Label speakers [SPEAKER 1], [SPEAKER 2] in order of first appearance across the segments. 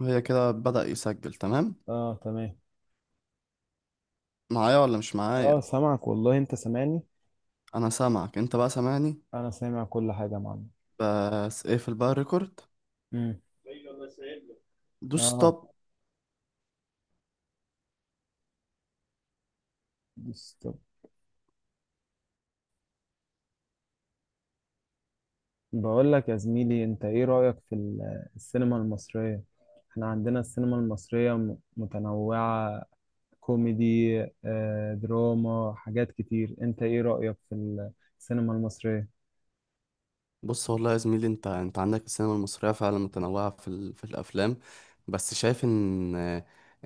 [SPEAKER 1] هي كده بدأ يسجل تمام؟
[SPEAKER 2] اه، تمام.
[SPEAKER 1] معايا ولا مش معايا؟
[SPEAKER 2] اه، سامعك والله، انت سامعني.
[SPEAKER 1] انا سامعك، انت بقى سامعني؟
[SPEAKER 2] انا سامع كل حاجه يا معلم.
[SPEAKER 1] بس اقفل بقى الريكورد،
[SPEAKER 2] امم.
[SPEAKER 1] دوس
[SPEAKER 2] اه.
[SPEAKER 1] ستوب.
[SPEAKER 2] بس طب، بقول لك يا زميلي، انت ايه رايك في السينما المصريه؟ احنا عندنا السينما المصريه متنوعه. كوميدي، دراما، حاجات كتير. انت ايه رايك في السينما المصريه؟
[SPEAKER 1] بص والله يا زميلي، انت عندك السينما المصريه فعلا متنوعه في الافلام. بس شايف ان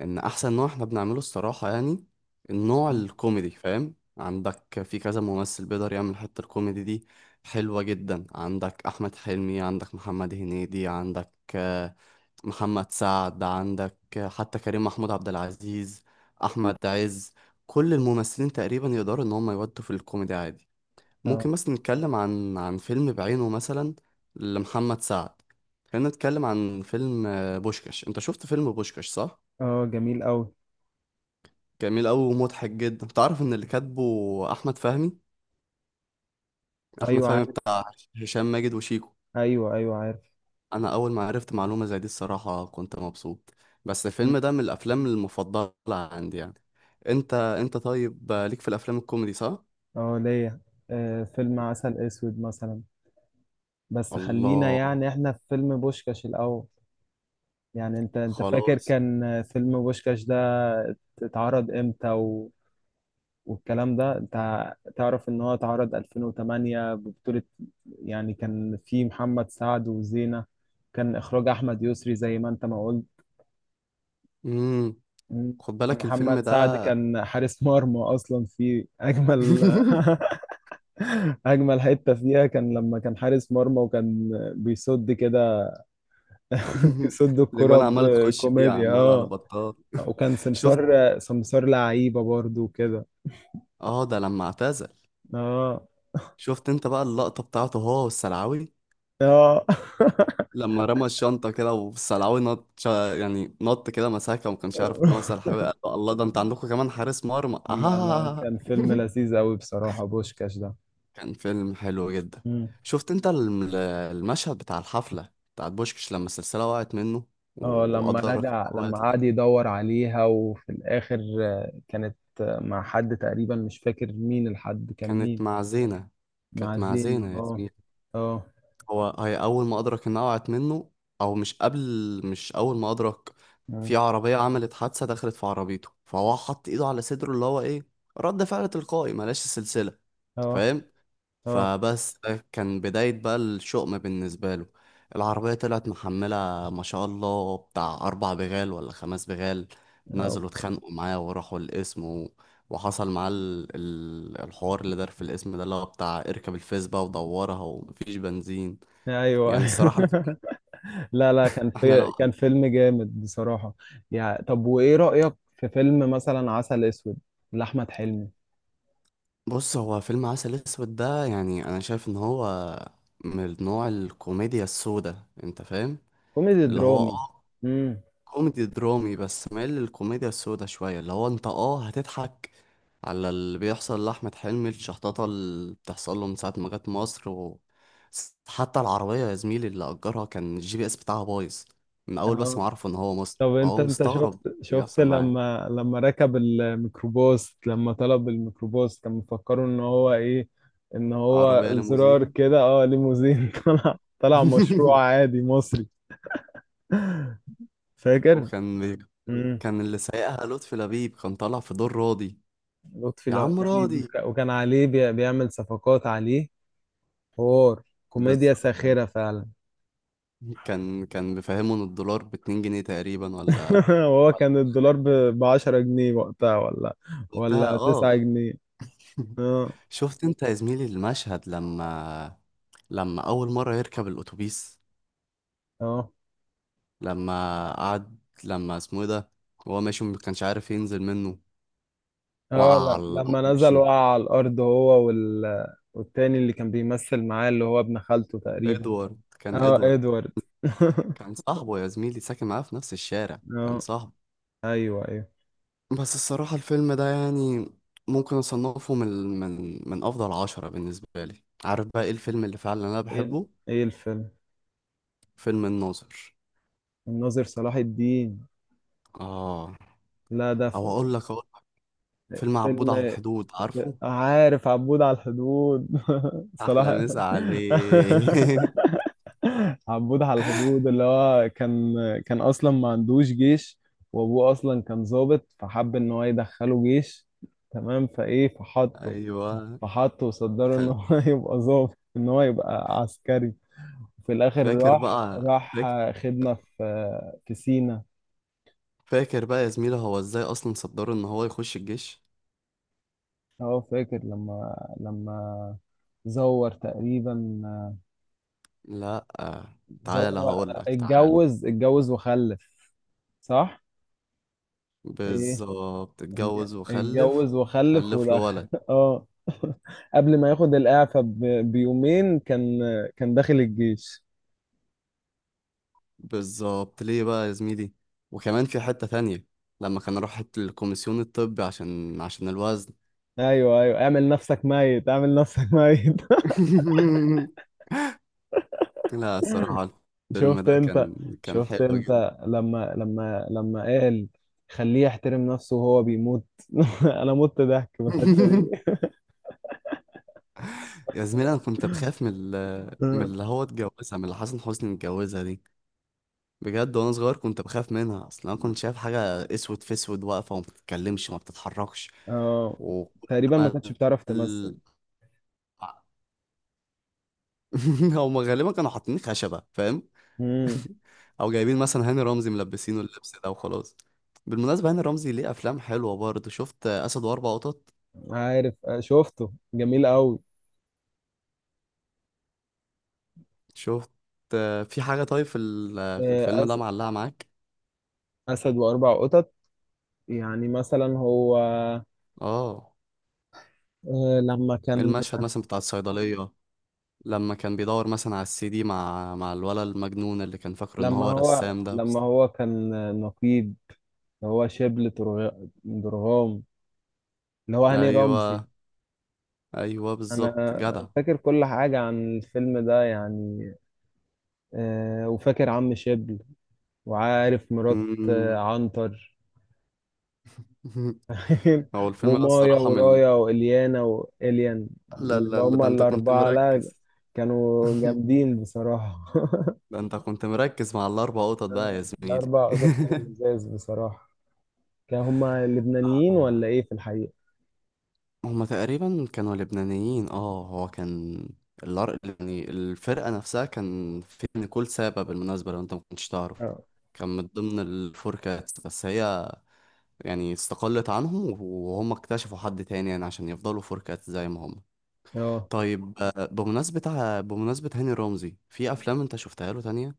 [SPEAKER 1] ان احسن نوع احنا بنعمله الصراحه يعني النوع
[SPEAKER 2] مم.
[SPEAKER 1] الكوميدي، فاهم؟ عندك في كذا ممثل بيقدر يعمل حتة الكوميدي دي. حلوه جدا، عندك احمد حلمي، عندك محمد هنيدي، عندك محمد سعد، عندك حتى كريم محمود عبد العزيز، احمد عز. كل الممثلين تقريبا يقدروا ان هم يودوا في الكوميدي عادي.
[SPEAKER 2] اه.
[SPEAKER 1] ممكن مثلا نتكلم عن فيلم بعينه، مثلا لمحمد سعد. خلينا نتكلم عن فيلم بوشكاش. انت شفت فيلم بوشكاش، صح؟
[SPEAKER 2] اه، جميل قوي.
[SPEAKER 1] جميل قوي ومضحك جدا. تعرف ان اللي كاتبه احمد فهمي؟ احمد
[SPEAKER 2] ايوه،
[SPEAKER 1] فهمي
[SPEAKER 2] عارف.
[SPEAKER 1] بتاع هشام ماجد وشيكو.
[SPEAKER 2] ايوه، ايوه، عارف.
[SPEAKER 1] انا اول ما عرفت معلومة زي دي الصراحة كنت مبسوط. بس
[SPEAKER 2] مم.
[SPEAKER 1] الفيلم ده من الافلام المفضلة عندي يعني. انت طيب، ليك في الافلام الكوميدي، صح؟
[SPEAKER 2] اه، ليا. فيلم عسل اسود مثلا. بس خلينا
[SPEAKER 1] الله.
[SPEAKER 2] يعني احنا في فيلم بوشكاش الاول. يعني انت فاكر
[SPEAKER 1] خلاص.
[SPEAKER 2] كان فيلم بوشكاش ده اتعرض امتى و... والكلام ده، انت تعرف ان هو اتعرض 2008 ببطولة، يعني كان في محمد سعد وزينة. كان اخراج احمد يسري زي ما انت ما قلت.
[SPEAKER 1] امم
[SPEAKER 2] مم.
[SPEAKER 1] خد
[SPEAKER 2] كان
[SPEAKER 1] بالك الفيلم
[SPEAKER 2] محمد
[SPEAKER 1] ده.
[SPEAKER 2] سعد كان حارس مرمى اصلا، في اجمل اجمل حتة فيها كان لما كان حارس مرمى، وكان بيصد كده. بيصد الكرة
[SPEAKER 1] الاجوان عماله تخش فيه،
[SPEAKER 2] بكوميديا،
[SPEAKER 1] عمال على
[SPEAKER 2] اه.
[SPEAKER 1] بطال.
[SPEAKER 2] وكان
[SPEAKER 1] شفت؟
[SPEAKER 2] سمسار سمسار لعيبة برضو كده.
[SPEAKER 1] اه، ده لما اعتزل.
[SPEAKER 2] اه.
[SPEAKER 1] شفت انت بقى اللقطه بتاعته هو والسلعوي؟
[SPEAKER 2] اه.
[SPEAKER 1] لما رمى الشنطه كده والسلعوي نط، يعني نط كده مساكه، وما كانش عارف ان هو سلعوي، قال له الله ده انت عندكم كمان حارس مرمى؟
[SPEAKER 2] لا لا، كان فيلم لذيذ قوي بصراحة، بوشكاش ده.
[SPEAKER 1] كان فيلم حلو جدا.
[SPEAKER 2] مم.
[SPEAKER 1] شفت انت المشهد بتاع الحفله بتاعت بوشكش لما السلسله وقعت منه
[SPEAKER 2] اه، لما
[SPEAKER 1] وادرك ان
[SPEAKER 2] رجع،
[SPEAKER 1] هو
[SPEAKER 2] لما
[SPEAKER 1] يطلع؟
[SPEAKER 2] قعد يدور عليها، وفي الآخر كانت مع حد تقريبا، مش فاكر مين الحد كان
[SPEAKER 1] كانت
[SPEAKER 2] مين.
[SPEAKER 1] مع زينه.
[SPEAKER 2] مع
[SPEAKER 1] كانت مع
[SPEAKER 2] زينة،
[SPEAKER 1] زينه
[SPEAKER 2] اه.
[SPEAKER 1] ياسمين.
[SPEAKER 2] اه. اه.
[SPEAKER 1] هي اول ما ادرك انها وقعت منه، او مش قبل، مش اول ما ادرك. في عربيه عملت حادثه، دخلت في عربيته، فهو حط ايده على صدره، اللي هو ايه، رد فعل تلقائي، ملاش سلسله،
[SPEAKER 2] اه.
[SPEAKER 1] فاهم؟
[SPEAKER 2] اه.
[SPEAKER 1] فبس ده كان بدايه بقى الشؤم بالنسبه له. العربيه طلعت محمله ما شاء الله بتاع اربع بغال ولا خمس بغال.
[SPEAKER 2] آه.
[SPEAKER 1] نزلوا اتخانقوا معاه وراحوا القسم و... وحصل معاه الحوار اللي دار في القسم ده، اللي هو بتاع اركب الفيسبا ودورها ومفيش بنزين.
[SPEAKER 2] ايوه.
[SPEAKER 1] يعني الصراحة الفيلم.
[SPEAKER 2] لا لا،
[SPEAKER 1] احنا لو.
[SPEAKER 2] كان فيلم جامد بصراحة. يعني طب، وإيه رأيك في فيلم مثلا عسل أسود لأحمد حلمي؟
[SPEAKER 1] بص، هو فيلم عسل اسود ده يعني انا شايف ان هو من نوع الكوميديا السوداء، انت فاهم؟
[SPEAKER 2] كوميدي
[SPEAKER 1] اللي هو
[SPEAKER 2] درامي.
[SPEAKER 1] اه،
[SPEAKER 2] امم.
[SPEAKER 1] كوميدي درامي. بس مايل للكوميديا السوداء شوية. اللي هو انت اه هتضحك على اللي بيحصل لأحمد حلمي، الشحططة اللي بتحصل له من ساعة ما جت مصر و... حتى العربية يا زميلي اللي أجرها كان الجي بي اس بتاعها بايظ من أول، بس
[SPEAKER 2] اه.
[SPEAKER 1] ما عرفوا إن هو مصري
[SPEAKER 2] طب انت
[SPEAKER 1] فهو
[SPEAKER 2] انت شفت
[SPEAKER 1] مستغرب اللي
[SPEAKER 2] شفت
[SPEAKER 1] بيحصل معاه.
[SPEAKER 2] لما ركب الميكروباص، لما طلب الميكروباص كان مفكره ان هو ايه؟ ان هو
[SPEAKER 1] عربية
[SPEAKER 2] زرار
[SPEAKER 1] ليموزين.
[SPEAKER 2] كده، ليموزين. طلع مشروع عادي مصري. فاكر.
[SPEAKER 1] وكان بي...
[SPEAKER 2] امم.
[SPEAKER 1] كان اللي سايقها لطفي لبيب، كان طالع في دور راضي،
[SPEAKER 2] لطفي
[SPEAKER 1] يا عم
[SPEAKER 2] لبيب.
[SPEAKER 1] راضي.
[SPEAKER 2] وكان عليه بيعمل صفقات عليه. حوار،
[SPEAKER 1] بس
[SPEAKER 2] كوميديا ساخرة فعلا.
[SPEAKER 1] كان بيفهمه ان الدولار باتنين جنيه تقريبا، ولا
[SPEAKER 2] وهو
[SPEAKER 1] ولا
[SPEAKER 2] كان الدولار ب 10 جنيه وقتها، ولا...
[SPEAKER 1] وقتها،
[SPEAKER 2] ولا
[SPEAKER 1] اه.
[SPEAKER 2] 9 جنيه؟ اه.
[SPEAKER 1] شفت انت يا زميلي المشهد، لما اول مره يركب الاتوبيس،
[SPEAKER 2] اه.
[SPEAKER 1] لما قعد، لما اسمه ايه ده، هو ماشي ما كانش عارف ينزل منه.
[SPEAKER 2] اه.
[SPEAKER 1] وقع
[SPEAKER 2] لا،
[SPEAKER 1] على
[SPEAKER 2] لما نزل
[SPEAKER 1] وشه.
[SPEAKER 2] وقع على الأرض، هو وال... والتاني اللي كان بيمثل معاه، اللي هو ابن خالته تقريبا.
[SPEAKER 1] ادوارد. كان
[SPEAKER 2] اه،
[SPEAKER 1] ادوارد.
[SPEAKER 2] ادوارد.
[SPEAKER 1] كان صاحبه يا زميلي، ساكن معاه في نفس الشارع، كان
[SPEAKER 2] اه،
[SPEAKER 1] صاحبه.
[SPEAKER 2] ايوه، ايوه.
[SPEAKER 1] بس الصراحة الفيلم ده يعني ممكن أصنفه من من أفضل عشرة بالنسبة لي. عارف بقى إيه الفيلم اللي فعلا أنا
[SPEAKER 2] ايه ال-
[SPEAKER 1] بحبه؟
[SPEAKER 2] ايه الفيلم؟
[SPEAKER 1] فيلم الناظر.
[SPEAKER 2] الناظر صلاح الدين.
[SPEAKER 1] آه.
[SPEAKER 2] لا ده
[SPEAKER 1] أو أقول لك، أقول فيلم عبود على
[SPEAKER 2] فيلم،
[SPEAKER 1] الحدود، عارفه؟
[SPEAKER 2] عارف، عبود على الحدود.
[SPEAKER 1] أحلى
[SPEAKER 2] صلاح.
[SPEAKER 1] مسا عليه.
[SPEAKER 2] عبود على الحدود اللي هو كان اصلا ما عندوش جيش، وابوه اصلا كان ضابط، فحب ان هو يدخله جيش. تمام، فايه فحطه
[SPEAKER 1] أيوة.
[SPEAKER 2] فحطه وصدره ان
[SPEAKER 1] خل.
[SPEAKER 2] هو يبقى ضابط، ان هو يبقى عسكري. في الاخر
[SPEAKER 1] فاكر
[SPEAKER 2] راح
[SPEAKER 1] بقى؟
[SPEAKER 2] راح
[SPEAKER 1] فاكر؟
[SPEAKER 2] خدمة في سينا.
[SPEAKER 1] فاكر بقى يا زميلة هو إزاي أصلا صدره إن هو يخش الجيش؟
[SPEAKER 2] هو فاكر لما زور تقريبا.
[SPEAKER 1] لا
[SPEAKER 2] زور
[SPEAKER 1] تعالى
[SPEAKER 2] و-
[SPEAKER 1] هقول لك، تعالى.
[SPEAKER 2] اتجوز وخلف. صح؟ ايه.
[SPEAKER 1] بالظبط، اتجوز وخلف،
[SPEAKER 2] اتجوز وخلف
[SPEAKER 1] خلف له
[SPEAKER 2] ودخل.
[SPEAKER 1] ولد.
[SPEAKER 2] اه. قبل ما ياخد الإعفاء بيومين، كان داخل الجيش.
[SPEAKER 1] بالظبط. ليه بقى يا زميلي؟ وكمان في حتة تانية لما كان راح الكوميسيون الطبي عشان الوزن.
[SPEAKER 2] ايوه، ايوه، اعمل نفسك ميت، اعمل نفسك ميت.
[SPEAKER 1] لا الصراحة الفيلم
[SPEAKER 2] شفت
[SPEAKER 1] ده
[SPEAKER 2] انت
[SPEAKER 1] كان، كان
[SPEAKER 2] شفت
[SPEAKER 1] حلو جدا.
[SPEAKER 2] انت لما لما قال، خليه يحترم نفسه وهو بيموت. انا مت ضحك من الحتة دي.
[SPEAKER 1] يا زميلي انا كنت بخاف من من اللي هو اتجوزها، من اللي حسن حسني اتجوزها دي. بجد وانا صغير كنت بخاف منها اصلا. انا كنت شايف حاجه اسود في اسود، واقفه وما بتتكلمش وما بتتحركش
[SPEAKER 2] اه
[SPEAKER 1] و
[SPEAKER 2] تقريبا ما كانتش بتعرف تمثل.
[SPEAKER 1] هم غالبا كانوا حاطين خشبه، فاهم؟
[SPEAKER 2] امم.
[SPEAKER 1] او جايبين مثلا هاني رمزي ملبسينه اللبس ده وخلاص. بالمناسبة هاني رمزي ليه افلام حلوة برضه، شفت اسد واربع قطط؟
[SPEAKER 2] عارف. شفته جميل قوي.
[SPEAKER 1] شفت؟ في حاجة طيب في
[SPEAKER 2] آه،
[SPEAKER 1] الفيلم ده
[SPEAKER 2] أس-
[SPEAKER 1] معلقة معاك؟
[SPEAKER 2] اسد واربع قطط. يعني مثلا هو
[SPEAKER 1] اه،
[SPEAKER 2] لما كان
[SPEAKER 1] المشهد مثلا بتاع الصيدلية، لما كان بيدور مثلا على السي دي مع الولد المجنون اللي كان فاكره ان هو رسام ده
[SPEAKER 2] لما
[SPEAKER 1] بس.
[SPEAKER 2] هو كان نقيب. هو شبل درغام، اللي هو هاني رمزي.
[SPEAKER 1] ايوه، ايوه
[SPEAKER 2] انا
[SPEAKER 1] بالظبط جدع.
[SPEAKER 2] فاكر كل حاجة عن الفيلم ده، يعني. وفاكر عم شبل، وعارف مرات
[SPEAKER 1] مم.
[SPEAKER 2] عنتر.
[SPEAKER 1] هو الفيلم ده
[SPEAKER 2] ومايا
[SPEAKER 1] الصراحة من
[SPEAKER 2] ورايا وإليانا وإليان،
[SPEAKER 1] لا
[SPEAKER 2] اللي
[SPEAKER 1] لا لا، ده
[SPEAKER 2] هما
[SPEAKER 1] انت كنت
[SPEAKER 2] الأربعة. لا،
[SPEAKER 1] مركز.
[SPEAKER 2] كانوا جامدين بصراحة.
[SPEAKER 1] ده انت كنت مركز مع الاربع قطط بقى يا زميلي.
[SPEAKER 2] الأربع قطط كانوا لزاز بصراحة. كانوا هما لبنانيين ولا
[SPEAKER 1] آه.
[SPEAKER 2] ايه في الحقيقة؟
[SPEAKER 1] هما تقريبا كانوا لبنانيين، اه. هو كان يعني الفرقة نفسها، كان في نيكول سابا بالمناسبة لو انت ما كنتش تعرف،
[SPEAKER 2] اه.
[SPEAKER 1] كان من ضمن الفور كاتس، بس هي يعني استقلت عنهم وهم اكتشفوا حد تاني يعني عشان يفضلوا فور كاتس زي ما هم.
[SPEAKER 2] اه.
[SPEAKER 1] طيب، بمناسبة هاني رمزي، في أفلام انت شفتها له تانية؟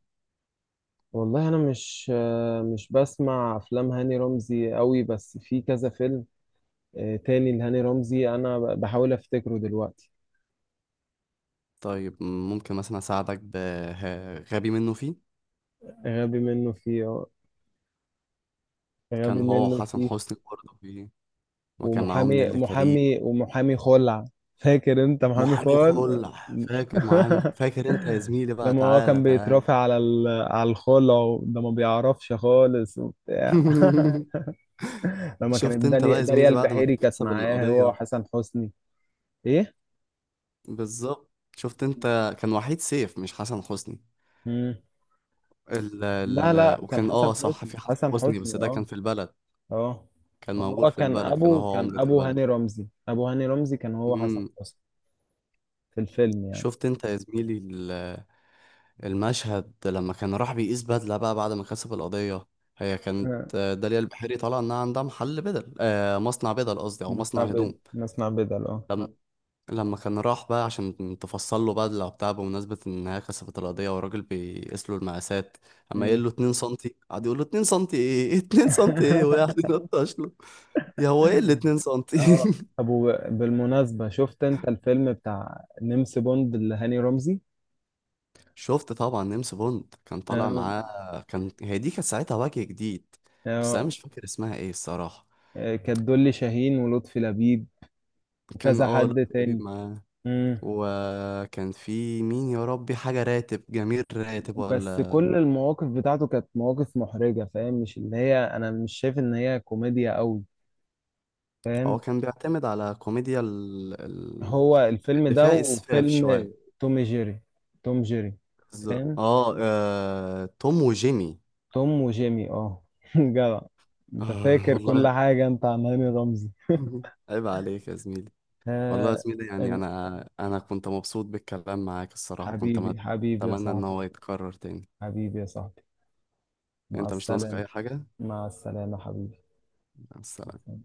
[SPEAKER 2] والله انا مش بسمع افلام هاني رمزي قوي، بس في كذا فيلم. تاني لهاني رمزي، انا بحاول افتكره دلوقتي.
[SPEAKER 1] طيب، ممكن مثلا أساعدك بغبي منه فيه؟
[SPEAKER 2] غبي منه فيه.
[SPEAKER 1] كان
[SPEAKER 2] غبي
[SPEAKER 1] هو
[SPEAKER 2] منه
[SPEAKER 1] حسن
[SPEAKER 2] فيه.
[SPEAKER 1] حسني برضه فيه، وكان معاهم
[SPEAKER 2] ومحامي
[SPEAKER 1] نيللي كريم.
[SPEAKER 2] محامي ومحامي خلع. فاكر انت محامي
[SPEAKER 1] محامي
[SPEAKER 2] خلع.
[SPEAKER 1] خلع، فاكر معامي خلع. فاكر انت يا زميلي بقى؟
[SPEAKER 2] لما هو
[SPEAKER 1] تعالى
[SPEAKER 2] كان
[SPEAKER 1] تعالى.
[SPEAKER 2] بيترافع على الخلع، وده ما بيعرفش خالص وبتاع. لما
[SPEAKER 1] شفت
[SPEAKER 2] كانت
[SPEAKER 1] انت بقى
[SPEAKER 2] داليا
[SPEAKER 1] يا
[SPEAKER 2] داليا
[SPEAKER 1] زميلي بعد ما
[SPEAKER 2] البحيري كانت
[SPEAKER 1] كسب
[SPEAKER 2] معاه هو
[SPEAKER 1] القضية؟
[SPEAKER 2] حسن حسني. ايه.
[SPEAKER 1] بالظبط. شفت انت؟ كان وحيد سيف، مش حسن حسني.
[SPEAKER 2] مم.
[SPEAKER 1] ال
[SPEAKER 2] لا لا،
[SPEAKER 1] ال
[SPEAKER 2] كان
[SPEAKER 1] وكان
[SPEAKER 2] حسن
[SPEAKER 1] اه صح
[SPEAKER 2] حسني،
[SPEAKER 1] في حسن
[SPEAKER 2] حسن
[SPEAKER 1] حسني، بس
[SPEAKER 2] حسني،
[SPEAKER 1] ده كان
[SPEAKER 2] اه.
[SPEAKER 1] في البلد.
[SPEAKER 2] اه.
[SPEAKER 1] كان
[SPEAKER 2] ما
[SPEAKER 1] موجود
[SPEAKER 2] هو
[SPEAKER 1] في
[SPEAKER 2] كان
[SPEAKER 1] البلد، كان
[SPEAKER 2] ابو
[SPEAKER 1] هو
[SPEAKER 2] كان
[SPEAKER 1] عمدة
[SPEAKER 2] ابو
[SPEAKER 1] البلد.
[SPEAKER 2] هاني رمزي ابو هاني رمزي كان هو حسن
[SPEAKER 1] امم.
[SPEAKER 2] حسني، في الفيلم، يعني.
[SPEAKER 1] شفت انت يا زميلي المشهد لما كان راح بيقيس بدلة بقى بعد ما كسب القضية؟ هي كانت
[SPEAKER 2] آه،
[SPEAKER 1] داليا البحيري طالعة إنها عندها محل بدل، آه مصنع بدل قصدي، أو مصنع
[SPEAKER 2] مصنع
[SPEAKER 1] هدوم.
[SPEAKER 2] بدل، مصنع بدل، اه.
[SPEAKER 1] لما لما كان راح بقى عشان تفصل له بدلة وبتاع، بمناسبة إن هي كسبت القضية، والراجل بيقيس له المقاسات، أما
[SPEAKER 2] مم.
[SPEAKER 1] يقول له 2 سنتي، قعد يقول له 2 سنتي إيه، 2 سنتي إيه، وقعد ينطش له، يا هو إيه ال 2 سنتي؟
[SPEAKER 2] اه ابو، بالمناسبة، شفت انت الفيلم بتاع نمس بوند اللي هاني رمزي؟
[SPEAKER 1] شفت طبعا، نيمس بوند كان طالع
[SPEAKER 2] اه.
[SPEAKER 1] معاه، كان هي دي كانت ساعتها وجه جديد. بس أنا
[SPEAKER 2] اه.
[SPEAKER 1] مش فاكر اسمها إيه الصراحة.
[SPEAKER 2] كانت دولي شاهين ولطفي لبيب
[SPEAKER 1] كان
[SPEAKER 2] وكذا
[SPEAKER 1] اه
[SPEAKER 2] حد
[SPEAKER 1] لطفي لبيب
[SPEAKER 2] تاني.
[SPEAKER 1] معاه،
[SPEAKER 2] مم.
[SPEAKER 1] وكان في مين يا ربي، حاجة راتب، جميل راتب
[SPEAKER 2] بس
[SPEAKER 1] ولا.
[SPEAKER 2] كل المواقف بتاعته كانت مواقف محرجة، فاهم؟ مش اللي هي، انا مش شايف ان هي كوميديا قوي،
[SPEAKER 1] هو
[SPEAKER 2] فاهم؟
[SPEAKER 1] كان بيعتمد على كوميديا
[SPEAKER 2] هو الفيلم
[SPEAKER 1] اللي
[SPEAKER 2] ده
[SPEAKER 1] فيها إسفاف
[SPEAKER 2] وفيلم
[SPEAKER 1] شوية.
[SPEAKER 2] توم جيري، توم جيري،
[SPEAKER 1] ز-
[SPEAKER 2] فاهم؟
[SPEAKER 1] توم وجيمي.
[SPEAKER 2] توم وجيمي، اه. جدع، انت
[SPEAKER 1] آه
[SPEAKER 2] فاكر كل
[SPEAKER 1] والله.
[SPEAKER 2] حاجة انت عن هاني رمزي.
[SPEAKER 1] عيب عليك يا زميلي. والله يا
[SPEAKER 2] آه
[SPEAKER 1] زميلي يعني،
[SPEAKER 2] ال-
[SPEAKER 1] أنا كنت مبسوط بالكلام معاك الصراحة، كنت
[SPEAKER 2] حبيبي، حبيبي يا
[SPEAKER 1] أتمنى إن
[SPEAKER 2] صاحبي.
[SPEAKER 1] هو يتكرر تاني.
[SPEAKER 2] حبيبي يا صاحبي. مع
[SPEAKER 1] أنت مش ناقصك
[SPEAKER 2] السلامة.
[SPEAKER 1] أي حاجة؟
[SPEAKER 2] مع السلامة.
[SPEAKER 1] مع السلامة.
[SPEAKER 2] حبيبي